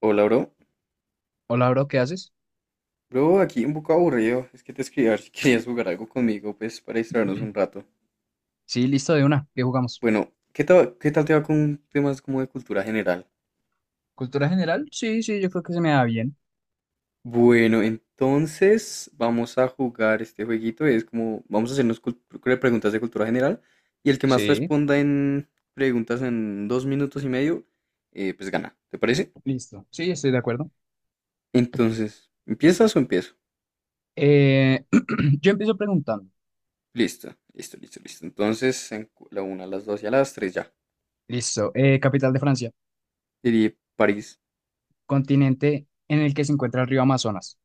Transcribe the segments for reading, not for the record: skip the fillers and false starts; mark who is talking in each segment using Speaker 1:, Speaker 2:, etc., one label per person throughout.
Speaker 1: Hola, bro.
Speaker 2: Hola, bro, ¿qué haces?
Speaker 1: Bro, aquí un poco aburrido. Es que te escribí a ver si querías jugar algo conmigo, pues, para distraernos un rato.
Speaker 2: Sí, listo, de una. ¿Qué jugamos?
Speaker 1: Bueno, ¿qué tal te va con temas como de cultura general?
Speaker 2: ¿Cultura general? Sí, sí, yo creo que se me da bien.
Speaker 1: Bueno, entonces vamos a jugar este jueguito. Es como, vamos a hacernos preguntas de cultura general. Y el que más
Speaker 2: Sí,
Speaker 1: responda en preguntas en 2 minutos y medio, pues gana. ¿Te parece?
Speaker 2: listo. Sí, estoy de acuerdo.
Speaker 1: Entonces, ¿empiezas o empiezo?
Speaker 2: Eh, yo empiezo preguntando.
Speaker 1: Listo, listo, listo, listo. Entonces, la una, a las dos y a las tres ya.
Speaker 2: Listo. Capital de Francia.
Speaker 1: Diría París.
Speaker 2: Continente en el que se encuentra el río Amazonas.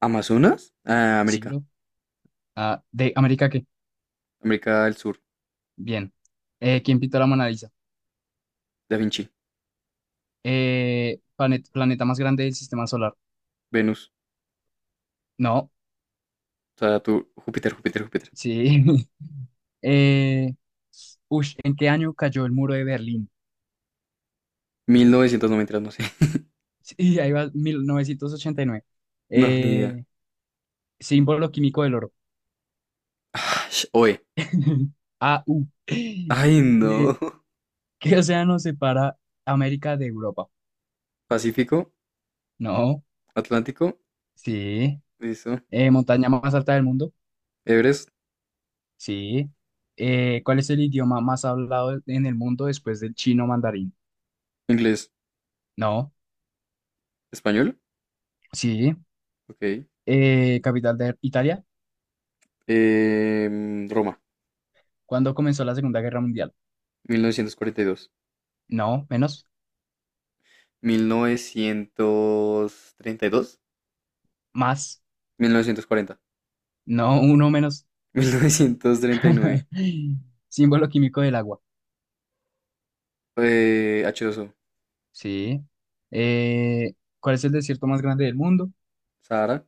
Speaker 1: Amazonas, ah,
Speaker 2: Sí,
Speaker 1: América.
Speaker 2: bro. Ah, ¿de América qué?
Speaker 1: América del Sur.
Speaker 2: Bien. ¿Quién pintó la Mona Lisa?
Speaker 1: Da Vinci.
Speaker 2: Planeta más grande del sistema solar.
Speaker 1: Venus,
Speaker 2: No.
Speaker 1: Saturno, Júpiter, Júpiter, Júpiter.
Speaker 2: Sí. Eh, Ush, ¿en qué año cayó el muro de Berlín?
Speaker 1: 1993, no sé.
Speaker 2: Sí, ahí va, 1989.
Speaker 1: No, ni idea.
Speaker 2: Eh, Símbolo químico del oro.
Speaker 1: Ash, Oe.
Speaker 2: AU.
Speaker 1: Ay,
Speaker 2: Eh,
Speaker 1: no.
Speaker 2: ¿Qué océano separa América de Europa?
Speaker 1: Pacífico.
Speaker 2: No,
Speaker 1: Atlántico,
Speaker 2: sí.
Speaker 1: listo.
Speaker 2: ¿Montaña más alta del mundo?
Speaker 1: Everest.
Speaker 2: Sí. ¿Cuál es el idioma más hablado en el mundo después del chino mandarín?
Speaker 1: Inglés,
Speaker 2: No,
Speaker 1: español,
Speaker 2: sí.
Speaker 1: ok.
Speaker 2: ¿Capital de Italia?
Speaker 1: Roma.
Speaker 2: ¿Cuándo comenzó la Segunda Guerra Mundial?
Speaker 1: 1942.
Speaker 2: No, menos,
Speaker 1: 1932,
Speaker 2: más.
Speaker 1: 1940,
Speaker 2: No, uno menos.
Speaker 1: 1939.
Speaker 2: Símbolo químico del agua.
Speaker 1: H2O.
Speaker 2: Sí. Eh, ¿Cuál es el desierto más grande del mundo?
Speaker 1: Sahara.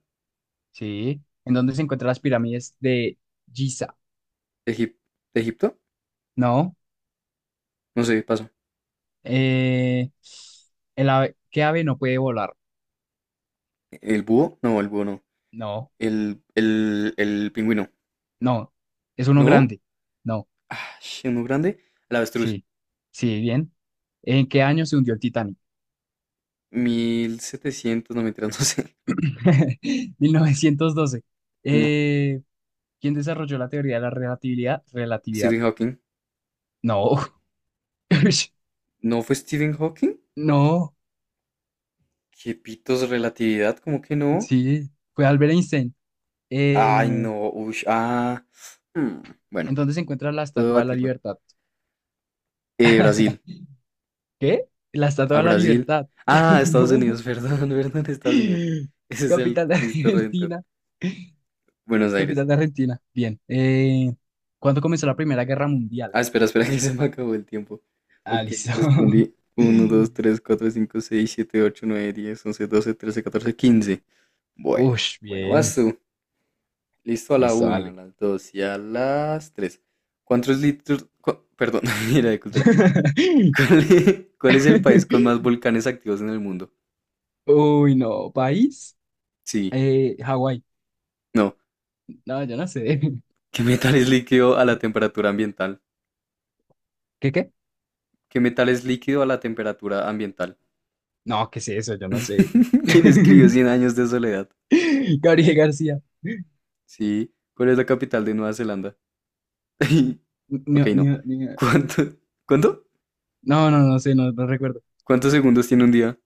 Speaker 2: Sí. ¿En dónde se encuentran las pirámides de Giza?
Speaker 1: Egip- Egipto,
Speaker 2: No.
Speaker 1: no sé, paso.
Speaker 2: Eh, ¿Qué ave no puede volar?
Speaker 1: ¿El búho? No, el búho no.
Speaker 2: No.
Speaker 1: El pingüino.
Speaker 2: No. ¿Es uno
Speaker 1: ¿No?
Speaker 2: grande? No.
Speaker 1: Ah, uno grande. El avestruz.
Speaker 2: Sí. Sí, bien. ¿En qué año se hundió el Titanic?
Speaker 1: 1700, no me no sé.
Speaker 2: 1912.
Speaker 1: No.
Speaker 2: Eh, ¿Quién desarrolló la teoría de la relatividad? Relatividad.
Speaker 1: Stephen Hawking.
Speaker 2: No.
Speaker 1: ¿No fue Stephen Hawking?
Speaker 2: No.
Speaker 1: ¿Qué pitos relatividad? ¿Cómo que no?
Speaker 2: Sí. Fue Albert Einstein.
Speaker 1: Ay,
Speaker 2: Eh,
Speaker 1: no. Ush, ah. Mm, bueno,
Speaker 2: ¿En dónde se encuentra la
Speaker 1: puedo
Speaker 2: Estatua de la
Speaker 1: debatirlo.
Speaker 2: Libertad?
Speaker 1: Brasil.
Speaker 2: ¿Qué? La Estatua
Speaker 1: Al
Speaker 2: de la
Speaker 1: Brasil.
Speaker 2: Libertad.
Speaker 1: Ah, Estados
Speaker 2: No.
Speaker 1: Unidos, perdón, perdón, Estados Unidos. Ese es el
Speaker 2: Capital de
Speaker 1: Cristo Redentor.
Speaker 2: Argentina.
Speaker 1: Buenos Aires.
Speaker 2: Capital de Argentina. Bien. ¿Cuándo comenzó la Primera Guerra Mundial?
Speaker 1: Ah, espera, espera, que se me acabó el tiempo.
Speaker 2: Ah,
Speaker 1: Ok,
Speaker 2: listo.
Speaker 1: respondí uno, 2, 3, 4, 5, 6, 7, 8, 9, 10, 11, 12, 13, 14, 15. Bueno,
Speaker 2: Ush,
Speaker 1: bueno, vas
Speaker 2: bien.
Speaker 1: tú. Listo a la
Speaker 2: Listo,
Speaker 1: una, a
Speaker 2: dale.
Speaker 1: las 2 y a las 3. ¿Cuántos litros? Perdón, mira de cultura. ¿Cuál es el país con más volcanes activos en el mundo?
Speaker 2: Uy, no. ¿País?
Speaker 1: Sí,
Speaker 2: Hawái.
Speaker 1: no.
Speaker 2: No, yo no sé.
Speaker 1: ¿Qué metal es líquido a la temperatura ambiental?
Speaker 2: ¿Qué, qué?
Speaker 1: ¿Qué metal es líquido a la temperatura ambiental?
Speaker 2: No, ¿qué es eso? Yo no sé.
Speaker 1: ¿Quién escribió Cien años de soledad?
Speaker 2: Gabriel García.
Speaker 1: Sí. ¿Cuál es la capital de Nueva Zelanda? Ok,
Speaker 2: Ni-
Speaker 1: no.
Speaker 2: ni- ni-
Speaker 1: ¿Cuánto? ¿Cuánto?
Speaker 2: No, no, no sé, no, no recuerdo.
Speaker 1: ¿Cuántos segundos tiene un día?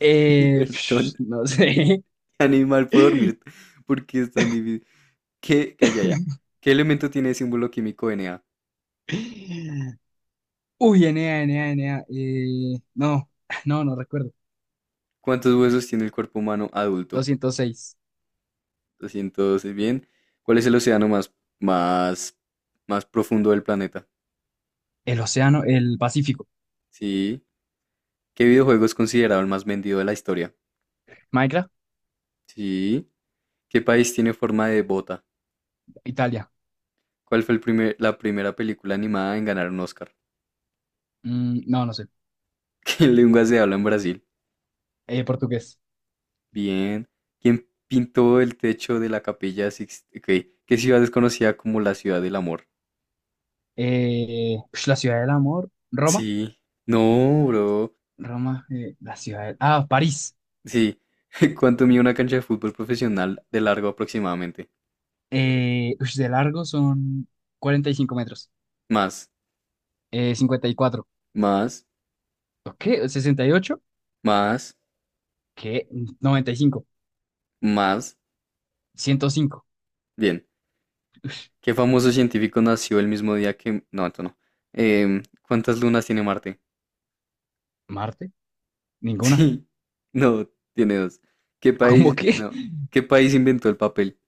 Speaker 2: Eh,
Speaker 1: Perdón.
Speaker 2: no sé.
Speaker 1: Animal puede dormir. ¿Por qué es tan difícil? ¿Qué? Calla ya. ¿Qué elemento tiene el símbolo químico Na?
Speaker 2: Uy, Enea, Enea, Enea. No, no, no recuerdo.
Speaker 1: ¿Cuántos huesos tiene el cuerpo humano adulto?
Speaker 2: Doscientos seis.
Speaker 1: 212. Bien. ¿Cuál es el océano más, más profundo del planeta?
Speaker 2: El océano, el Pacífico.
Speaker 1: Sí. ¿Qué videojuego es considerado el más vendido de la historia?
Speaker 2: Minecraft.
Speaker 1: Sí. ¿Qué país tiene forma de bota?
Speaker 2: Italia.
Speaker 1: ¿Cuál fue la primera película animada en ganar un Oscar?
Speaker 2: No, no sé.
Speaker 1: ¿Qué lengua se habla en Brasil?
Speaker 2: Portugués.
Speaker 1: Bien. ¿Quién pintó el techo de la capilla Sixt-? Ok. ¿Qué ciudad es conocida como la ciudad del amor?
Speaker 2: Eh, la ciudad del amor. Roma.
Speaker 1: Sí. No, bro.
Speaker 2: Roma, Ah, París.
Speaker 1: Sí. ¿Cuánto mide una cancha de fútbol profesional de largo aproximadamente?
Speaker 2: Ush, de largo son 45 metros.
Speaker 1: Más,
Speaker 2: 54.
Speaker 1: más,
Speaker 2: ¿Qué? 68.
Speaker 1: más,
Speaker 2: ¿Qué? 95.
Speaker 1: más.
Speaker 2: 105.
Speaker 1: Bien. ¿Qué famoso científico nació el mismo día que... No, esto no. ¿Cuántas lunas tiene Marte?
Speaker 2: Marte, ninguna.
Speaker 1: Sí, no, tiene dos. ¿Qué
Speaker 2: ¿Cómo
Speaker 1: país,
Speaker 2: que?
Speaker 1: no, qué país inventó el papel?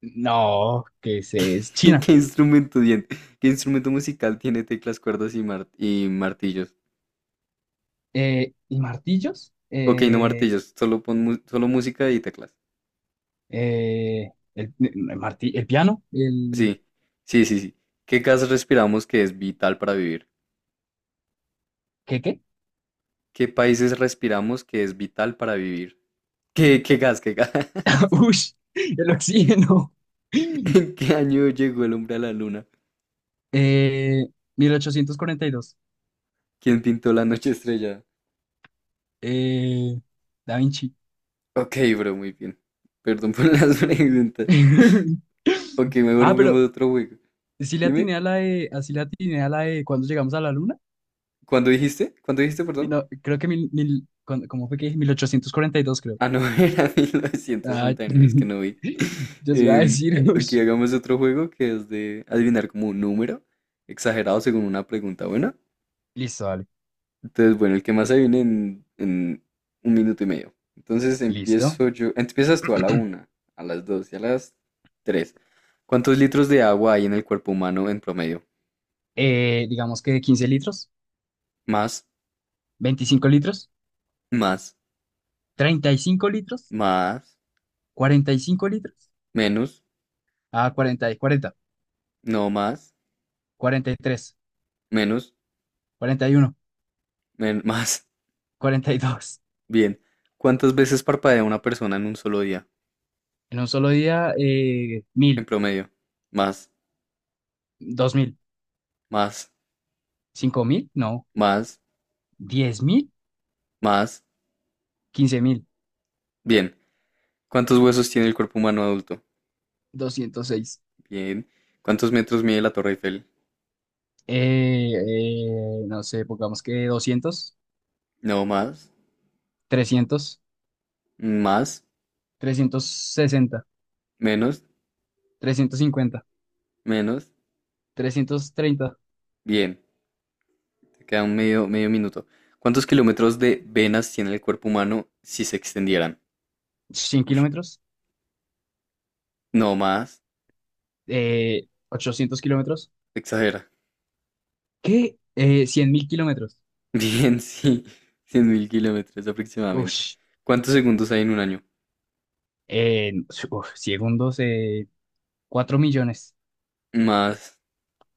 Speaker 2: No, que es China.
Speaker 1: ¿Qué instrumento dien- qué instrumento musical tiene teclas, cuerdas y martillos?
Speaker 2: ¿Y martillos?
Speaker 1: Ok, no martillos, solo pon solo música y teclas.
Speaker 2: Eh, el, el el piano, el.
Speaker 1: Sí, sí, sí, sí. ¿Qué gas respiramos que es vital para vivir?
Speaker 2: ¿Qué?
Speaker 1: ¿Qué países respiramos que es vital para vivir? ¿Qué gas, qué gas?
Speaker 2: Ush, el oxígeno.
Speaker 1: ¿En qué año llegó el hombre a la luna?
Speaker 2: Eh, 1842.
Speaker 1: ¿Quién pintó la noche estrellada?
Speaker 2: Eh, Da Vinci.
Speaker 1: Ok, bro, muy bien. Perdón por las preguntas. Ok, mejor
Speaker 2: Ah,
Speaker 1: juguemos
Speaker 2: pero
Speaker 1: otro juego.
Speaker 2: sí le
Speaker 1: Dime,
Speaker 2: atiné a la de, así le atiné a la de cuando llegamos a la luna.
Speaker 1: ¿cuándo dijiste? ¿Cuándo dijiste,
Speaker 2: Mil
Speaker 1: perdón?
Speaker 2: no- Creo que ¿cómo fue que dije? 1842, creo.
Speaker 1: Ah, no, era mil novecientos
Speaker 2: Ah,
Speaker 1: sesenta y nueve es que no vi.
Speaker 2: yo sí iba a
Speaker 1: Em,
Speaker 2: decir,
Speaker 1: ok,
Speaker 2: ush.
Speaker 1: hagamos otro juego que es de adivinar como un número exagerado según una pregunta buena.
Speaker 2: Listo, vale,
Speaker 1: Entonces, bueno, el que más adivine en 1 minuto y medio. Entonces
Speaker 2: listo.
Speaker 1: empiezo yo. Empiezas tú a la una, a las dos y a las tres. ¿Cuántos litros de agua hay en el cuerpo humano en promedio?
Speaker 2: Digamos que 15 litros.
Speaker 1: Más,
Speaker 2: 25 litros.
Speaker 1: más,
Speaker 2: 35 litros.
Speaker 1: más,
Speaker 2: 45 litros.
Speaker 1: menos,
Speaker 2: Ah, cuarenta, y cuarenta.
Speaker 1: no más.
Speaker 2: 43.
Speaker 1: Menos,
Speaker 2: 41.
Speaker 1: más,
Speaker 2: 42.
Speaker 1: bien. ¿Cuántas veces parpadea una persona en un solo día?
Speaker 2: En un solo día,
Speaker 1: En
Speaker 2: 1000.
Speaker 1: promedio. Más,
Speaker 2: 2000.
Speaker 1: más,
Speaker 2: 5000, no.
Speaker 1: más,
Speaker 2: 10.000.
Speaker 1: más.
Speaker 2: 15.000.
Speaker 1: Bien. ¿Cuántos huesos tiene el cuerpo humano adulto?
Speaker 2: 206.
Speaker 1: Bien. ¿Cuántos metros mide la Torre Eiffel?
Speaker 2: Eh, no sé, pongamos que 200.
Speaker 1: No, más,
Speaker 2: 300.
Speaker 1: más,
Speaker 2: 360.
Speaker 1: menos,
Speaker 2: 350.
Speaker 1: menos.
Speaker 2: 330.
Speaker 1: Bien. Te queda un medio, medio minuto. ¿Cuántos kilómetros de venas tiene el cuerpo humano si se extendieran?
Speaker 2: cien
Speaker 1: Ush.
Speaker 2: kilómetros,
Speaker 1: No más.
Speaker 2: 800 kilómetros.
Speaker 1: Exagera.
Speaker 2: ¿Qué? 100.000 kilómetros.
Speaker 1: Bien, sí, 100.000 kilómetros aproximadamente.
Speaker 2: Ush,
Speaker 1: ¿Cuántos segundos hay en un año?
Speaker 2: eh, uf, segundos, 4 millones.
Speaker 1: Más,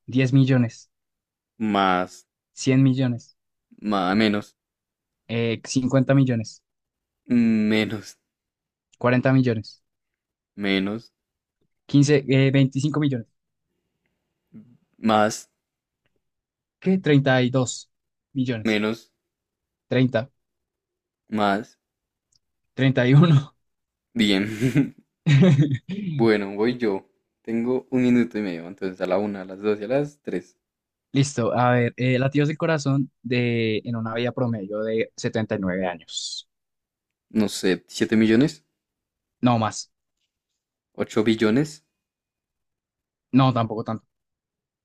Speaker 2: 10 millones.
Speaker 1: más,
Speaker 2: 100 millones.
Speaker 1: más, menos,
Speaker 2: 50 millones.
Speaker 1: menos,
Speaker 2: 40 millones.
Speaker 1: menos,
Speaker 2: Quince, 25 millones.
Speaker 1: más,
Speaker 2: ¿Qué? 32 millones.
Speaker 1: menos,
Speaker 2: 30.
Speaker 1: más.
Speaker 2: 31.
Speaker 1: Bien. Bueno, voy yo. Tengo 1 minuto y medio, entonces a la una, a las dos y a las tres.
Speaker 2: Listo, a ver, latidos del corazón en una vida promedio de 79 años.
Speaker 1: No sé, siete millones,
Speaker 2: No más.
Speaker 1: ocho billones,
Speaker 2: No, tampoco.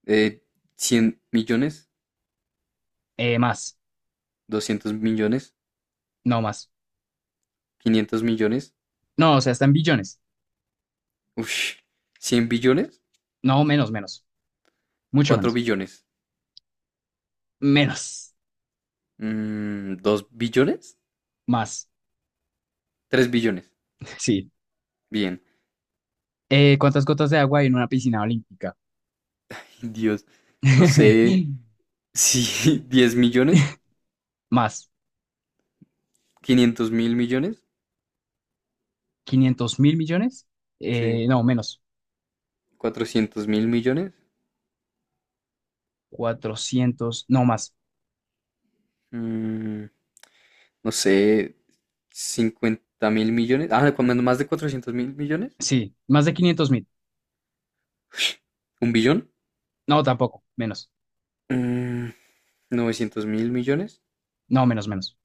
Speaker 1: eh, 100 millones,
Speaker 2: Más,
Speaker 1: 200 millones,
Speaker 2: no más.
Speaker 1: 500 millones,
Speaker 2: No, o sea, está en billones.
Speaker 1: uff, 100 billones,
Speaker 2: No, menos, menos. Mucho
Speaker 1: 4
Speaker 2: menos.
Speaker 1: billones.
Speaker 2: Menos.
Speaker 1: ¿Dos billones?
Speaker 2: Más.
Speaker 1: Tres billones.
Speaker 2: Sí.
Speaker 1: Bien.
Speaker 2: ¿Cuántas gotas de agua hay en una piscina olímpica?
Speaker 1: Dios. No sé si 10 millones,
Speaker 2: Más.
Speaker 1: 500 mil millones,
Speaker 2: ¿500.000 millones?
Speaker 1: sí,
Speaker 2: No, menos.
Speaker 1: cuatrocientos mil millones,
Speaker 2: 400. No, más.
Speaker 1: mm, no sé, cincuenta mil millones, ah, cuando más de 400 mil millones,
Speaker 2: Sí, más de 500.000.
Speaker 1: un billón,
Speaker 2: No, tampoco. Menos.
Speaker 1: mm, 900 mil millones,
Speaker 2: No, menos, menos.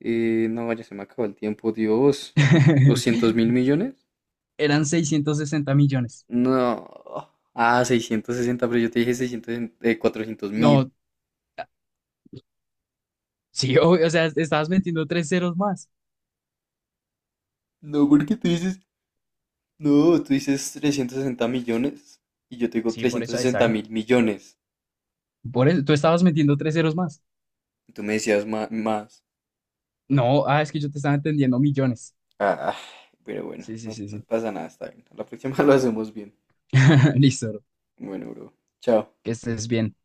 Speaker 1: no vaya, se me acabó el tiempo, Dios, 200 mil millones,
Speaker 2: Eran 660 millones.
Speaker 1: no, ah, 660, pero yo te dije 600, 400 mil.
Speaker 2: No, sí, obvio, o sea, estabas metiendo tres ceros más.
Speaker 1: No, porque tú dices, no, tú dices 360 millones y yo te digo
Speaker 2: Sí, por
Speaker 1: trescientos
Speaker 2: eso ahí
Speaker 1: sesenta
Speaker 2: saben.
Speaker 1: mil millones.
Speaker 2: Por eso, tú estabas metiendo tres ceros más.
Speaker 1: Y tú me decías más.
Speaker 2: No, ah, es que yo te estaba entendiendo millones.
Speaker 1: Ah, ah, pero bueno,
Speaker 2: Sí, sí,
Speaker 1: no,
Speaker 2: sí,
Speaker 1: no
Speaker 2: sí.
Speaker 1: pasa nada, está bien. A la próxima lo hacemos bien.
Speaker 2: Listo, bro.
Speaker 1: Bueno, bro. Chao.
Speaker 2: Que estés bien.